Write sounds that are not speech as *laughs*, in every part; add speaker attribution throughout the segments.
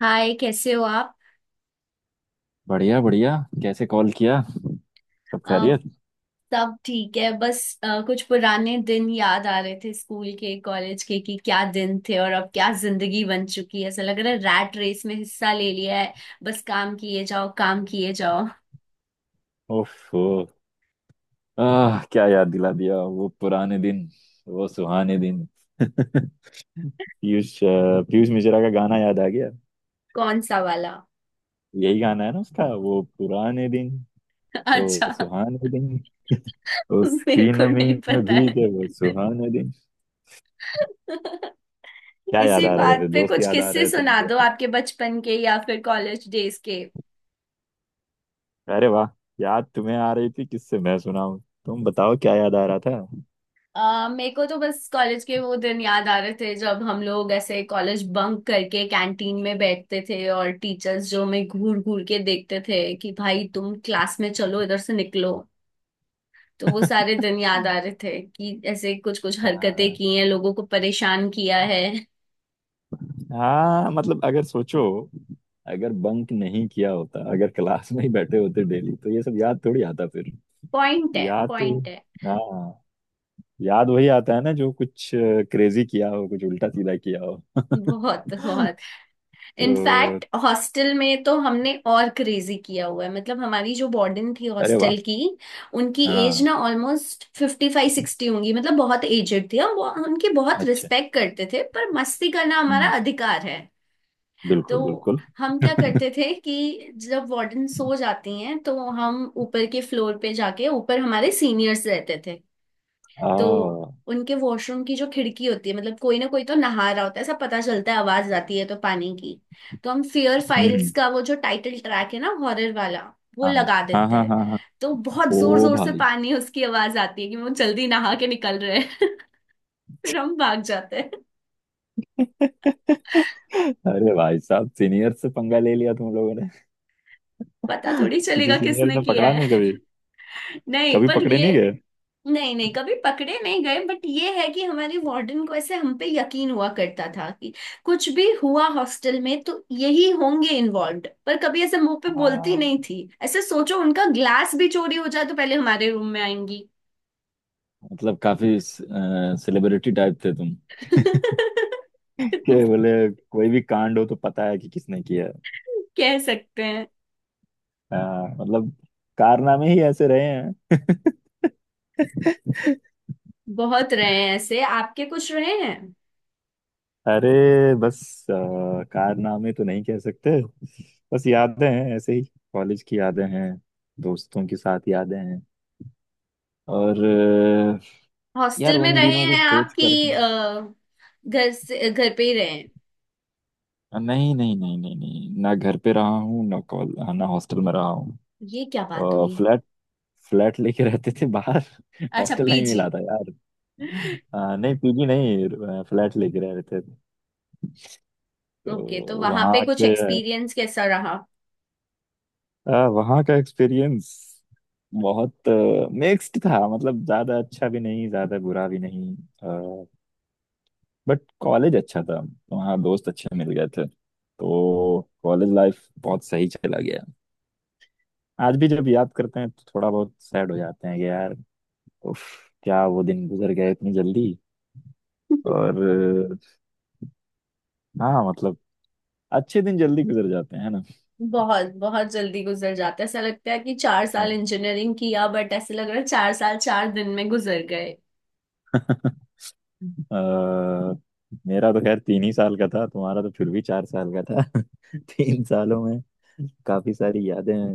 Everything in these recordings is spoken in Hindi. Speaker 1: हाय, कैसे हो आप?
Speaker 2: बढ़िया बढ़िया। कैसे कॉल किया। सब
Speaker 1: अ,
Speaker 2: खैरियत।
Speaker 1: सब ठीक है, बस कुछ पुराने दिन याद आ रहे थे, स्कूल के, कॉलेज के, कि क्या दिन थे और अब क्या जिंदगी बन चुकी है, ऐसा लग रहा है। रैट रेस में हिस्सा ले लिया है। बस काम किए जाओ, काम किए जाओ।
Speaker 2: ओफो। आह क्या याद दिला दिया वो पुराने दिन। वो सुहाने दिन। *laughs* पीयूष मिश्रा का गाना याद आ गया।
Speaker 1: कौन सा वाला?
Speaker 2: यही गाना है ना उसका वो पुराने दिन।
Speaker 1: *laughs*
Speaker 2: वो
Speaker 1: अच्छा।
Speaker 2: सुहाने दिन।
Speaker 1: मेरे
Speaker 2: उसकी
Speaker 1: को
Speaker 2: नमी
Speaker 1: नहीं
Speaker 2: में
Speaker 1: पता है।
Speaker 2: भीगे वो सुहाने दिन। क्या याद
Speaker 1: इसी
Speaker 2: आ रहा था।
Speaker 1: बात
Speaker 2: फिर
Speaker 1: पे
Speaker 2: दोस्त
Speaker 1: कुछ
Speaker 2: याद आ
Speaker 1: किस्से
Speaker 2: रहे थे
Speaker 1: सुना दो,
Speaker 2: यार।
Speaker 1: आपके बचपन के या फिर कॉलेज डेज के।
Speaker 2: अरे वाह। याद तुम्हें आ रही थी। किससे मैं सुनाऊं। तुम बताओ क्या याद आ रहा
Speaker 1: मेरे को तो बस कॉलेज के वो दिन याद आ रहे थे जब हम लोग ऐसे कॉलेज बंक करके कैंटीन में बैठते थे, और टीचर्स जो हमें घूर घूर के देखते थे कि भाई तुम क्लास में चलो, इधर से निकलो। तो वो सारे दिन याद आ रहे थे कि ऐसे कुछ कुछ हरकतें
Speaker 2: था।
Speaker 1: की हैं, लोगों को परेशान किया है।
Speaker 2: हाँ मतलब अगर सोचो। अगर बंक नहीं किया होता अगर क्लास में ही बैठे होते डेली तो ये सब याद थोड़ी आता फिर।
Speaker 1: पॉइंट है,
Speaker 2: याद तो।
Speaker 1: पॉइंट है।
Speaker 2: हाँ। याद वही आता है ना जो कुछ क्रेजी किया हो कुछ उल्टा सीधा किया हो। *laughs*
Speaker 1: बहुत बहुत।
Speaker 2: तो।
Speaker 1: इनफैक्ट हॉस्टल में तो हमने और क्रेजी किया हुआ है, मतलब हमारी जो वार्डन थी
Speaker 2: अरे वाह।
Speaker 1: हॉस्टल की, उनकी एज
Speaker 2: हाँ।
Speaker 1: ना ऑलमोस्ट 55 60 होंगी, मतलब बहुत एजेड थी। हम उनकी बहुत
Speaker 2: अच्छा।
Speaker 1: रिस्पेक्ट करते थे, पर मस्ती करना हमारा
Speaker 2: हम्म।
Speaker 1: अधिकार है। तो
Speaker 2: बिल्कुल बिल्कुल।
Speaker 1: हम क्या करते थे कि जब वार्डन सो जाती हैं तो हम ऊपर के फ्लोर पे जाके, ऊपर हमारे सीनियर्स रहते थे।
Speaker 2: आ
Speaker 1: तो
Speaker 2: हम्म।
Speaker 1: उनके वॉशरूम की जो खिड़की होती है, मतलब कोई ना कोई तो नहा रहा होता है, ऐसा पता चलता है, आवाज आती है तो, पानी की। तो हम फियर फाइल्स
Speaker 2: हम्म।
Speaker 1: का वो जो टाइटल ट्रैक है ना, हॉरर वाला, वो
Speaker 2: हाँ, हाँ,
Speaker 1: लगा
Speaker 2: हाँ,
Speaker 1: देते
Speaker 2: हाँ,
Speaker 1: हैं।
Speaker 2: हाँ, हाँ।
Speaker 1: तो बहुत जोर
Speaker 2: ओ
Speaker 1: जोर से
Speaker 2: भाई।
Speaker 1: पानी, उसकी आवाज आती है कि वो जल्दी नहा के निकल रहे हैं। *laughs* फिर हम भाग जाते हैं।
Speaker 2: अरे भाई साहब सीनियर से पंगा ले लिया तुम लोगों ने।
Speaker 1: पता
Speaker 2: *laughs*
Speaker 1: थोड़ी
Speaker 2: किसी
Speaker 1: चलेगा
Speaker 2: सीनियर
Speaker 1: किसने
Speaker 2: ने
Speaker 1: किया
Speaker 2: पकड़ा
Speaker 1: है।
Speaker 2: नहीं कभी।
Speaker 1: *laughs* नहीं,
Speaker 2: कभी
Speaker 1: पर
Speaker 2: पकड़े
Speaker 1: ये।
Speaker 2: नहीं गए।
Speaker 1: नहीं नहीं, कभी पकड़े नहीं गए, बट ये है कि हमारे वार्डन को ऐसे हम पे यकीन हुआ करता था कि कुछ भी हुआ हॉस्टल में तो यही होंगे इन्वॉल्व्ड, पर कभी ऐसे मुंह पे बोलती
Speaker 2: हाँ
Speaker 1: नहीं थी। ऐसे सोचो, उनका ग्लास भी चोरी हो जाए तो पहले हमारे रूम में आएंगी।
Speaker 2: मतलब काफी सेलिब्रिटी टाइप थे तुम
Speaker 1: *laughs*
Speaker 2: के बोले। कोई भी कांड हो तो पता है कि किसने किया है।
Speaker 1: कह सकते हैं।
Speaker 2: हाँ, मतलब कारनामे ही ऐसे रहे हैं।
Speaker 1: बहुत रहे हैं, ऐसे आपके कुछ रहे हैं?
Speaker 2: अरे बस अ, कारनामे तो नहीं कह सकते। बस यादें हैं ऐसे ही। कॉलेज की यादें हैं। दोस्तों के साथ यादें हैं। और यार
Speaker 1: हॉस्टल में
Speaker 2: उन
Speaker 1: रहे
Speaker 2: दिनों को
Speaker 1: हैं आप
Speaker 2: सोच कर।
Speaker 1: कि घर से घर पे ही रहे हैं?
Speaker 2: नहीं, नहीं, नहीं, नहीं, नहीं, ना घर पे रहा हूँ ना कॉल ना हॉस्टल में रहा
Speaker 1: ये क्या बात
Speaker 2: हूँ।
Speaker 1: हुई?
Speaker 2: फ्लैट। फ्लैट लेके रहते थे बाहर। *laughs*
Speaker 1: अच्छा,
Speaker 2: हॉस्टल नहीं
Speaker 1: पीजी?
Speaker 2: मिला था यार। नहीं पीजी नहीं फ्लैट लेके रह रहे थे।
Speaker 1: ओके, तो
Speaker 2: तो
Speaker 1: वहां पे
Speaker 2: वहाँ
Speaker 1: कुछ
Speaker 2: के।
Speaker 1: एक्सपीरियंस कैसा रहा?
Speaker 2: वहाँ का एक्सपीरियंस बहुत मिक्स्ड था मतलब ज्यादा अच्छा भी नहीं ज्यादा बुरा भी नहीं। बट कॉलेज अच्छा था। वहाँ दोस्त अच्छे मिल गए थे। तो कॉलेज लाइफ बहुत सही चला गया। आज भी जब याद करते हैं तो थोड़ा बहुत सैड हो जाते हैं कि यार उफ, क्या वो दिन गुजर गए इतनी जल्दी। और अ, हाँ मतलब अच्छे दिन जल्दी गुजर जाते हैं है
Speaker 1: बहुत बहुत जल्दी गुजर जाता है, ऐसा लगता है कि चार
Speaker 2: ना।
Speaker 1: साल इंजीनियरिंग किया, बट ऐसे लग रहा है 4 साल 4 दिन में गुजर गए।
Speaker 2: अ, मेरा तो खैर तीन ही साल का था तुम्हारा तो फिर भी चार साल का था। *laughs* तीन सालों में काफी सारी यादें हैं।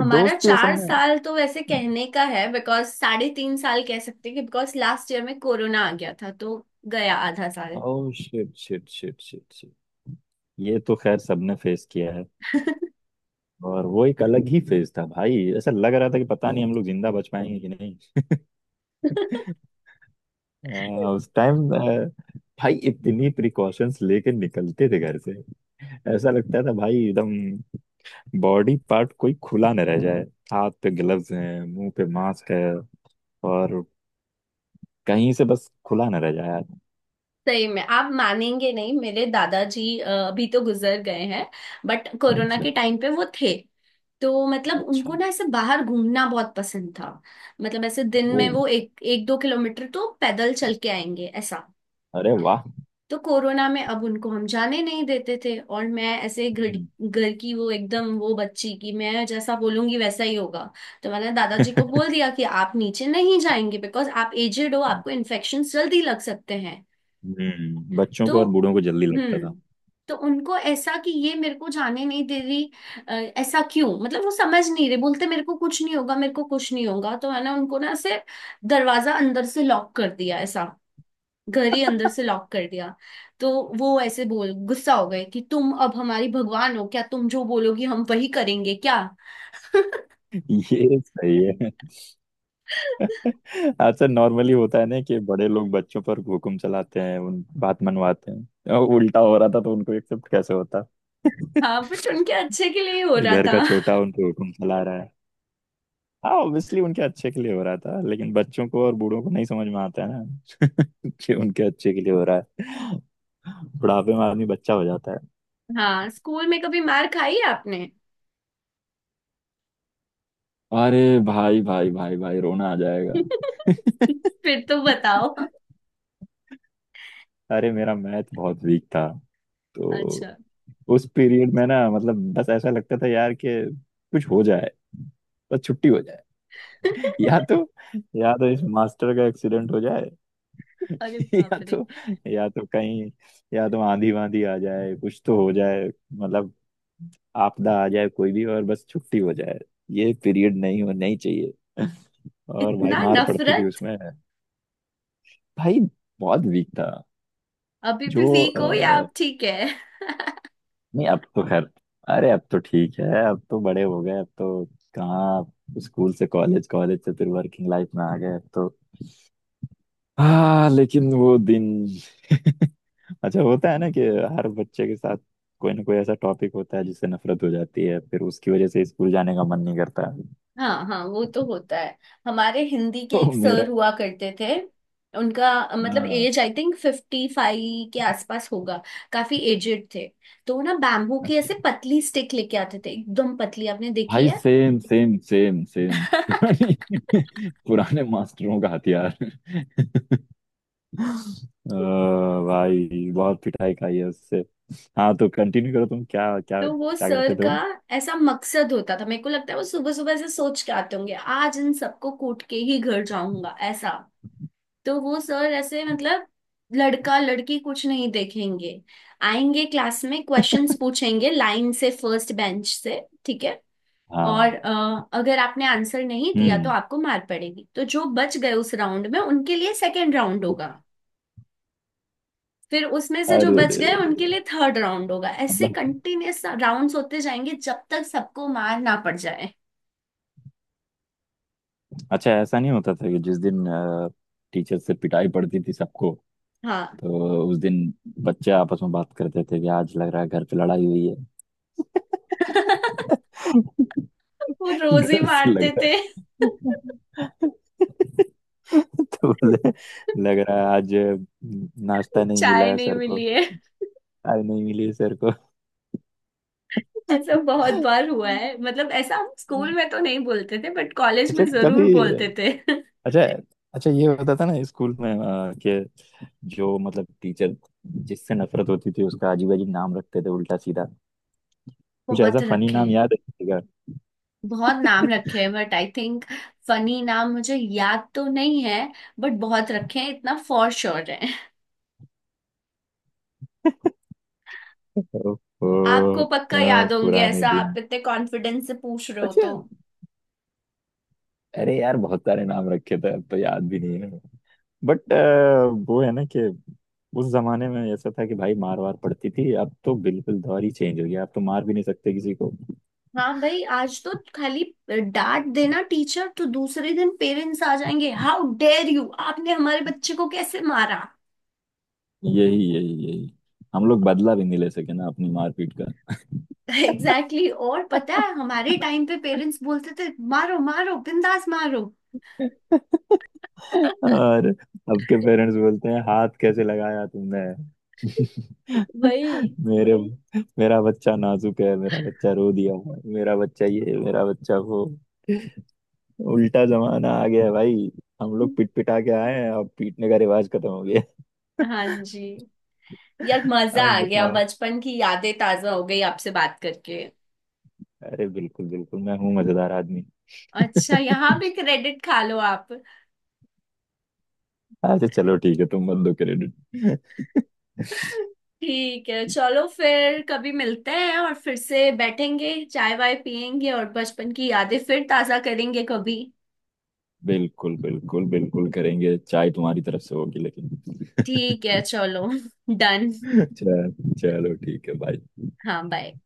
Speaker 1: हमारा
Speaker 2: दोस्त भी असल
Speaker 1: चार
Speaker 2: में।
Speaker 1: साल तो वैसे कहने का है बिकॉज 3.5 साल कह सकते हैं, कि बिकॉज लास्ट ईयर में कोरोना आ गया था, तो गया आधा साल।
Speaker 2: Oh, shit, shit, shit, shit, shit. ये तो खैर सबने फेस किया है। और वो एक अलग ही फेज था भाई ऐसा लग रहा था कि पता नहीं हम लोग जिंदा बच पाएंगे कि नहीं। *laughs*
Speaker 1: *laughs*
Speaker 2: उस टाइम भाई इतनी प्रिकॉशंस लेके निकलते थे घर से। ऐसा लगता था भाई एकदम बॉडी पार्ट कोई खुला न रह जाए। हाथ पे ग्लव्स हैं मुंह पे मास्क है। और कहीं से बस खुला ना रह जाए यार।
Speaker 1: सही में आप मानेंगे नहीं, मेरे दादाजी अभी तो गुजर गए हैं, बट कोरोना
Speaker 2: अच्छा।
Speaker 1: के टाइम पे वो थे। तो मतलब
Speaker 2: अच्छा।
Speaker 1: उनको ना ऐसे बाहर घूमना बहुत पसंद था, मतलब ऐसे दिन
Speaker 2: ओ।
Speaker 1: में वो 1-2 किलोमीटर तो पैदल चल के आएंगे ऐसा।
Speaker 2: अरे वाह।
Speaker 1: तो कोरोना में अब उनको हम जाने नहीं देते थे, और मैं ऐसे घर,
Speaker 2: हम्म।
Speaker 1: घर की वो एकदम, वो बच्ची की मैं जैसा बोलूंगी वैसा ही होगा। तो मैंने दादाजी को बोल दिया कि आप नीचे नहीं जाएंगे, बिकॉज आप एजेड हो, आपको इन्फेक्शन जल्दी लग सकते हैं।
Speaker 2: बच्चों
Speaker 1: तो
Speaker 2: को और बूढ़ों को जल्दी लगता था।
Speaker 1: हम्म। तो उनको ऐसा कि ये मेरे को जाने नहीं दे रही, ऐसा क्यों, मतलब वो समझ नहीं रहे, बोलते मेरे को कुछ नहीं होगा, मेरे को कुछ नहीं होगा, तो मैंने उनको ना ऐसे दरवाजा अंदर से लॉक कर दिया ऐसा, घर ही अंदर से लॉक कर दिया। तो वो ऐसे बोल गुस्सा हो गए कि तुम अब हमारी भगवान हो क्या, तुम जो बोलोगी हम वही करेंगे क्या?
Speaker 2: ये सही है।
Speaker 1: *laughs*
Speaker 2: अच्छा नॉर्मली होता है ना कि बड़े लोग बच्चों पर हुक्म चलाते हैं उन बात मनवाते हैं और उल्टा हो रहा था तो उनको एक्सेप्ट कैसे होता।
Speaker 1: हाँ, बट उनके अच्छे के लिए ही हो
Speaker 2: कोई
Speaker 1: रहा
Speaker 2: घर का
Speaker 1: था।
Speaker 2: छोटा उनको हुक्म चला रहा है। हाँ ऑब्वियसली उनके अच्छे के लिए हो रहा था लेकिन बच्चों को और बूढ़ों को नहीं समझ में आता है ना कि उनके अच्छे के लिए हो रहा है। बुढ़ापे में आदमी बच्चा हो जाता है।
Speaker 1: हाँ, स्कूल में कभी मार खाई है आपने?
Speaker 2: अरे भाई, भाई, भाई, भाई, रोना आ जाएगा।
Speaker 1: *laughs* फिर तो बताओ।
Speaker 2: *laughs* अरे मेरा मैथ बहुत वीक था। तो
Speaker 1: अच्छा।
Speaker 2: उस पीरियड में ना मतलब बस ऐसा लगता था यार कि कुछ हो जाए बस छुट्टी हो जाए। *laughs*
Speaker 1: *laughs*
Speaker 2: या तो या तो इस मास्टर का एक्सीडेंट हो जाए।
Speaker 1: अरे
Speaker 2: *laughs* या
Speaker 1: बाप रे।
Speaker 2: तो या तो कहीं या तो आंधी वांधी आ जाए कुछ तो हो जाए मतलब। आपदा आ जाए कोई भी और बस छुट्टी हो जाए। ये पीरियड नहीं हो नहीं चाहिए। और भाई
Speaker 1: इतना
Speaker 2: मार पड़ती थी
Speaker 1: नफरत?
Speaker 2: उसमें। भाई बहुत वीक था।
Speaker 1: अभी भी
Speaker 2: जो
Speaker 1: वीक
Speaker 2: अ,
Speaker 1: हो या आप ठीक है?
Speaker 2: नहीं अब तो खैर। अरे अब तो ठीक है अब तो बड़े हो गए अब तो कहाँ स्कूल से कॉलेज कॉलेज से फिर वर्किंग लाइफ में आ गए अब तो। हाँ लेकिन वो दिन। *laughs* अच्छा होता है ना कि हर बच्चे के साथ कोई ना कोई ऐसा टॉपिक होता है जिससे नफरत हो जाती है फिर उसकी वजह से स्कूल जाने का मन नहीं करता है।
Speaker 1: हाँ हाँ, वो तो होता है। हमारे हिंदी के
Speaker 2: तो
Speaker 1: एक
Speaker 2: मेरा।
Speaker 1: सर हुआ करते थे। उनका मतलब
Speaker 2: हाँ।
Speaker 1: एज आई थिंक 55 के आसपास होगा। काफी एजेड थे। तो वो ना बैम्बू की ऐसे
Speaker 2: अच्छा।
Speaker 1: पतली स्टिक लेके आते थे, एकदम पतली, आपने देखी
Speaker 2: भाई
Speaker 1: है?
Speaker 2: Same, same, same, same.
Speaker 1: *laughs*
Speaker 2: *laughs* पुराने मास्टरों का हथियार। अ, भाई बहुत पिटाई खाई है उससे। हाँ तो कंटिन्यू करो तुम क्या क्या
Speaker 1: तो वो
Speaker 2: क्या
Speaker 1: सर
Speaker 2: करते थे
Speaker 1: का
Speaker 2: वो।
Speaker 1: ऐसा मकसद होता था, मेरे को लगता है वो सुबह सुबह ऐसे सोच के आते होंगे, आज इन सबको कूट के ही घर जाऊंगा ऐसा। तो वो सर ऐसे मतलब लड़का लड़की कुछ नहीं देखेंगे, आएंगे क्लास में, क्वेश्चंस पूछेंगे लाइन से, फर्स्ट बेंच से। ठीक है। और
Speaker 2: हाँ।
Speaker 1: अगर आपने आंसर नहीं दिया तो
Speaker 2: हम्म।
Speaker 1: आपको मार पड़ेगी, तो जो बच गए उस राउंड में उनके लिए सेकेंड राउंड होगा। फिर उसमें से जो
Speaker 2: अरे रे
Speaker 1: बच गए
Speaker 2: रे रे।
Speaker 1: उनके लिए थर्ड राउंड होगा, ऐसे
Speaker 2: मतलब
Speaker 1: कंटिन्यूअस राउंड्स होते जाएंगे जब तक सबको मार ना पड़ जाए।
Speaker 2: अच्छा ऐसा नहीं होता था कि जिस दिन टीचर से पिटाई पड़ती थी सबको
Speaker 1: हाँ।
Speaker 2: तो उस दिन बच्चे आपस में बात करते थे कि आज लग रहा है घर पे लड़ाई हुई है।
Speaker 1: *laughs*
Speaker 2: *laughs*
Speaker 1: वो रोज ही
Speaker 2: घर से लग
Speaker 1: मारते थे।
Speaker 2: रहा है। *laughs* तो बोले
Speaker 1: *laughs*
Speaker 2: लग रहा है आज नाश्ता नहीं मिला
Speaker 1: चाय
Speaker 2: है
Speaker 1: नहीं
Speaker 2: सर को।
Speaker 1: मिली है।
Speaker 2: आज नहीं मिली है सर को।
Speaker 1: ऐसा बहुत
Speaker 2: अच्छा।
Speaker 1: बार हुआ है मतलब, ऐसा हम स्कूल में तो नहीं बोलते थे, बट कॉलेज में
Speaker 2: कभी।
Speaker 1: जरूर बोलते थे। *laughs*
Speaker 2: अच्छा। अच्छा ये होता था ना स्कूल में कि जो मतलब टीचर जिससे नफरत होती थी उसका अजीब अजीब नाम रखते थे उल्टा सीधा। कुछ ऐसा
Speaker 1: बहुत
Speaker 2: फनी
Speaker 1: रखे
Speaker 2: नाम
Speaker 1: हैं।
Speaker 2: याद है किसी का?
Speaker 1: बहुत नाम रखे हैं, बट आई थिंक फनी नाम मुझे याद तो नहीं है। बट बहुत रखे हैं, इतना फॉर श्योर है।
Speaker 2: ओहो।
Speaker 1: आपको पक्का याद होंगे,
Speaker 2: पुराने
Speaker 1: ऐसा आप
Speaker 2: दिन।
Speaker 1: इतने कॉन्फिडेंस से पूछ रहे हो
Speaker 2: अच्छा।
Speaker 1: तो।
Speaker 2: अरे यार बहुत सारे नाम रखे थे अब तो याद भी नहीं है। बट वो है ना कि उस जमाने में ऐसा था कि भाई मार वार पड़ती थी अब तो बिल्कुल दौर ही चेंज हो गया अब तो मार भी नहीं सकते किसी को।
Speaker 1: हाँ भाई, आज तो खाली डांट देना टीचर, तो दूसरे दिन पेरेंट्स आ जाएंगे, हाउ डेयर यू, आपने हमारे बच्चे को कैसे मारा।
Speaker 2: यही, यही, यही। हम लोग बदला भी नहीं ले सके ना अपनी मारपीट का।
Speaker 1: Exactly, exactly। और पता है, हमारे टाइम पे पेरेंट्स बोलते थे, मारो, मारो बिंदास मारो।
Speaker 2: और अब के पेरेंट्स बोलते हैं हाथ कैसे लगाया तुमने। *laughs*
Speaker 1: वही।
Speaker 2: मेरे मेरा बच्चा नाजुक है मेरा बच्चा रो दिया। मेरा बच्चा ये मेरा बच्चा वो। उल्टा जमाना आ गया है भाई। हम लोग पिट पिटा के आए हैं अब पीटने का रिवाज खत्म हो गया।
Speaker 1: हाँ जी। यार
Speaker 2: *laughs*
Speaker 1: मजा
Speaker 2: अब
Speaker 1: आ गया,
Speaker 2: बताओ।
Speaker 1: बचपन की यादें ताजा हो गई आपसे बात करके।
Speaker 2: अरे बिल्कुल बिल्कुल मैं हूँ मजेदार आदमी।
Speaker 1: अच्छा, यहाँ
Speaker 2: *laughs*
Speaker 1: भी क्रेडिट खा लो आप।
Speaker 2: अच्छा चलो ठीक है तुम मत दो क्रेडिट। *laughs*
Speaker 1: ठीक है चलो, फिर कभी मिलते हैं और फिर से बैठेंगे, चाय वाय पियेंगे और बचपन की यादें फिर ताजा करेंगे कभी।
Speaker 2: बिल्कुल, बिल्कुल, बिल्कुल, करेंगे चाय तुम्हारी तरफ से होगी
Speaker 1: ठीक है
Speaker 2: लेकिन। *laughs*
Speaker 1: चलो, *laughs* डन।
Speaker 2: चल चलो ठीक है भाई।
Speaker 1: हाँ, बाय।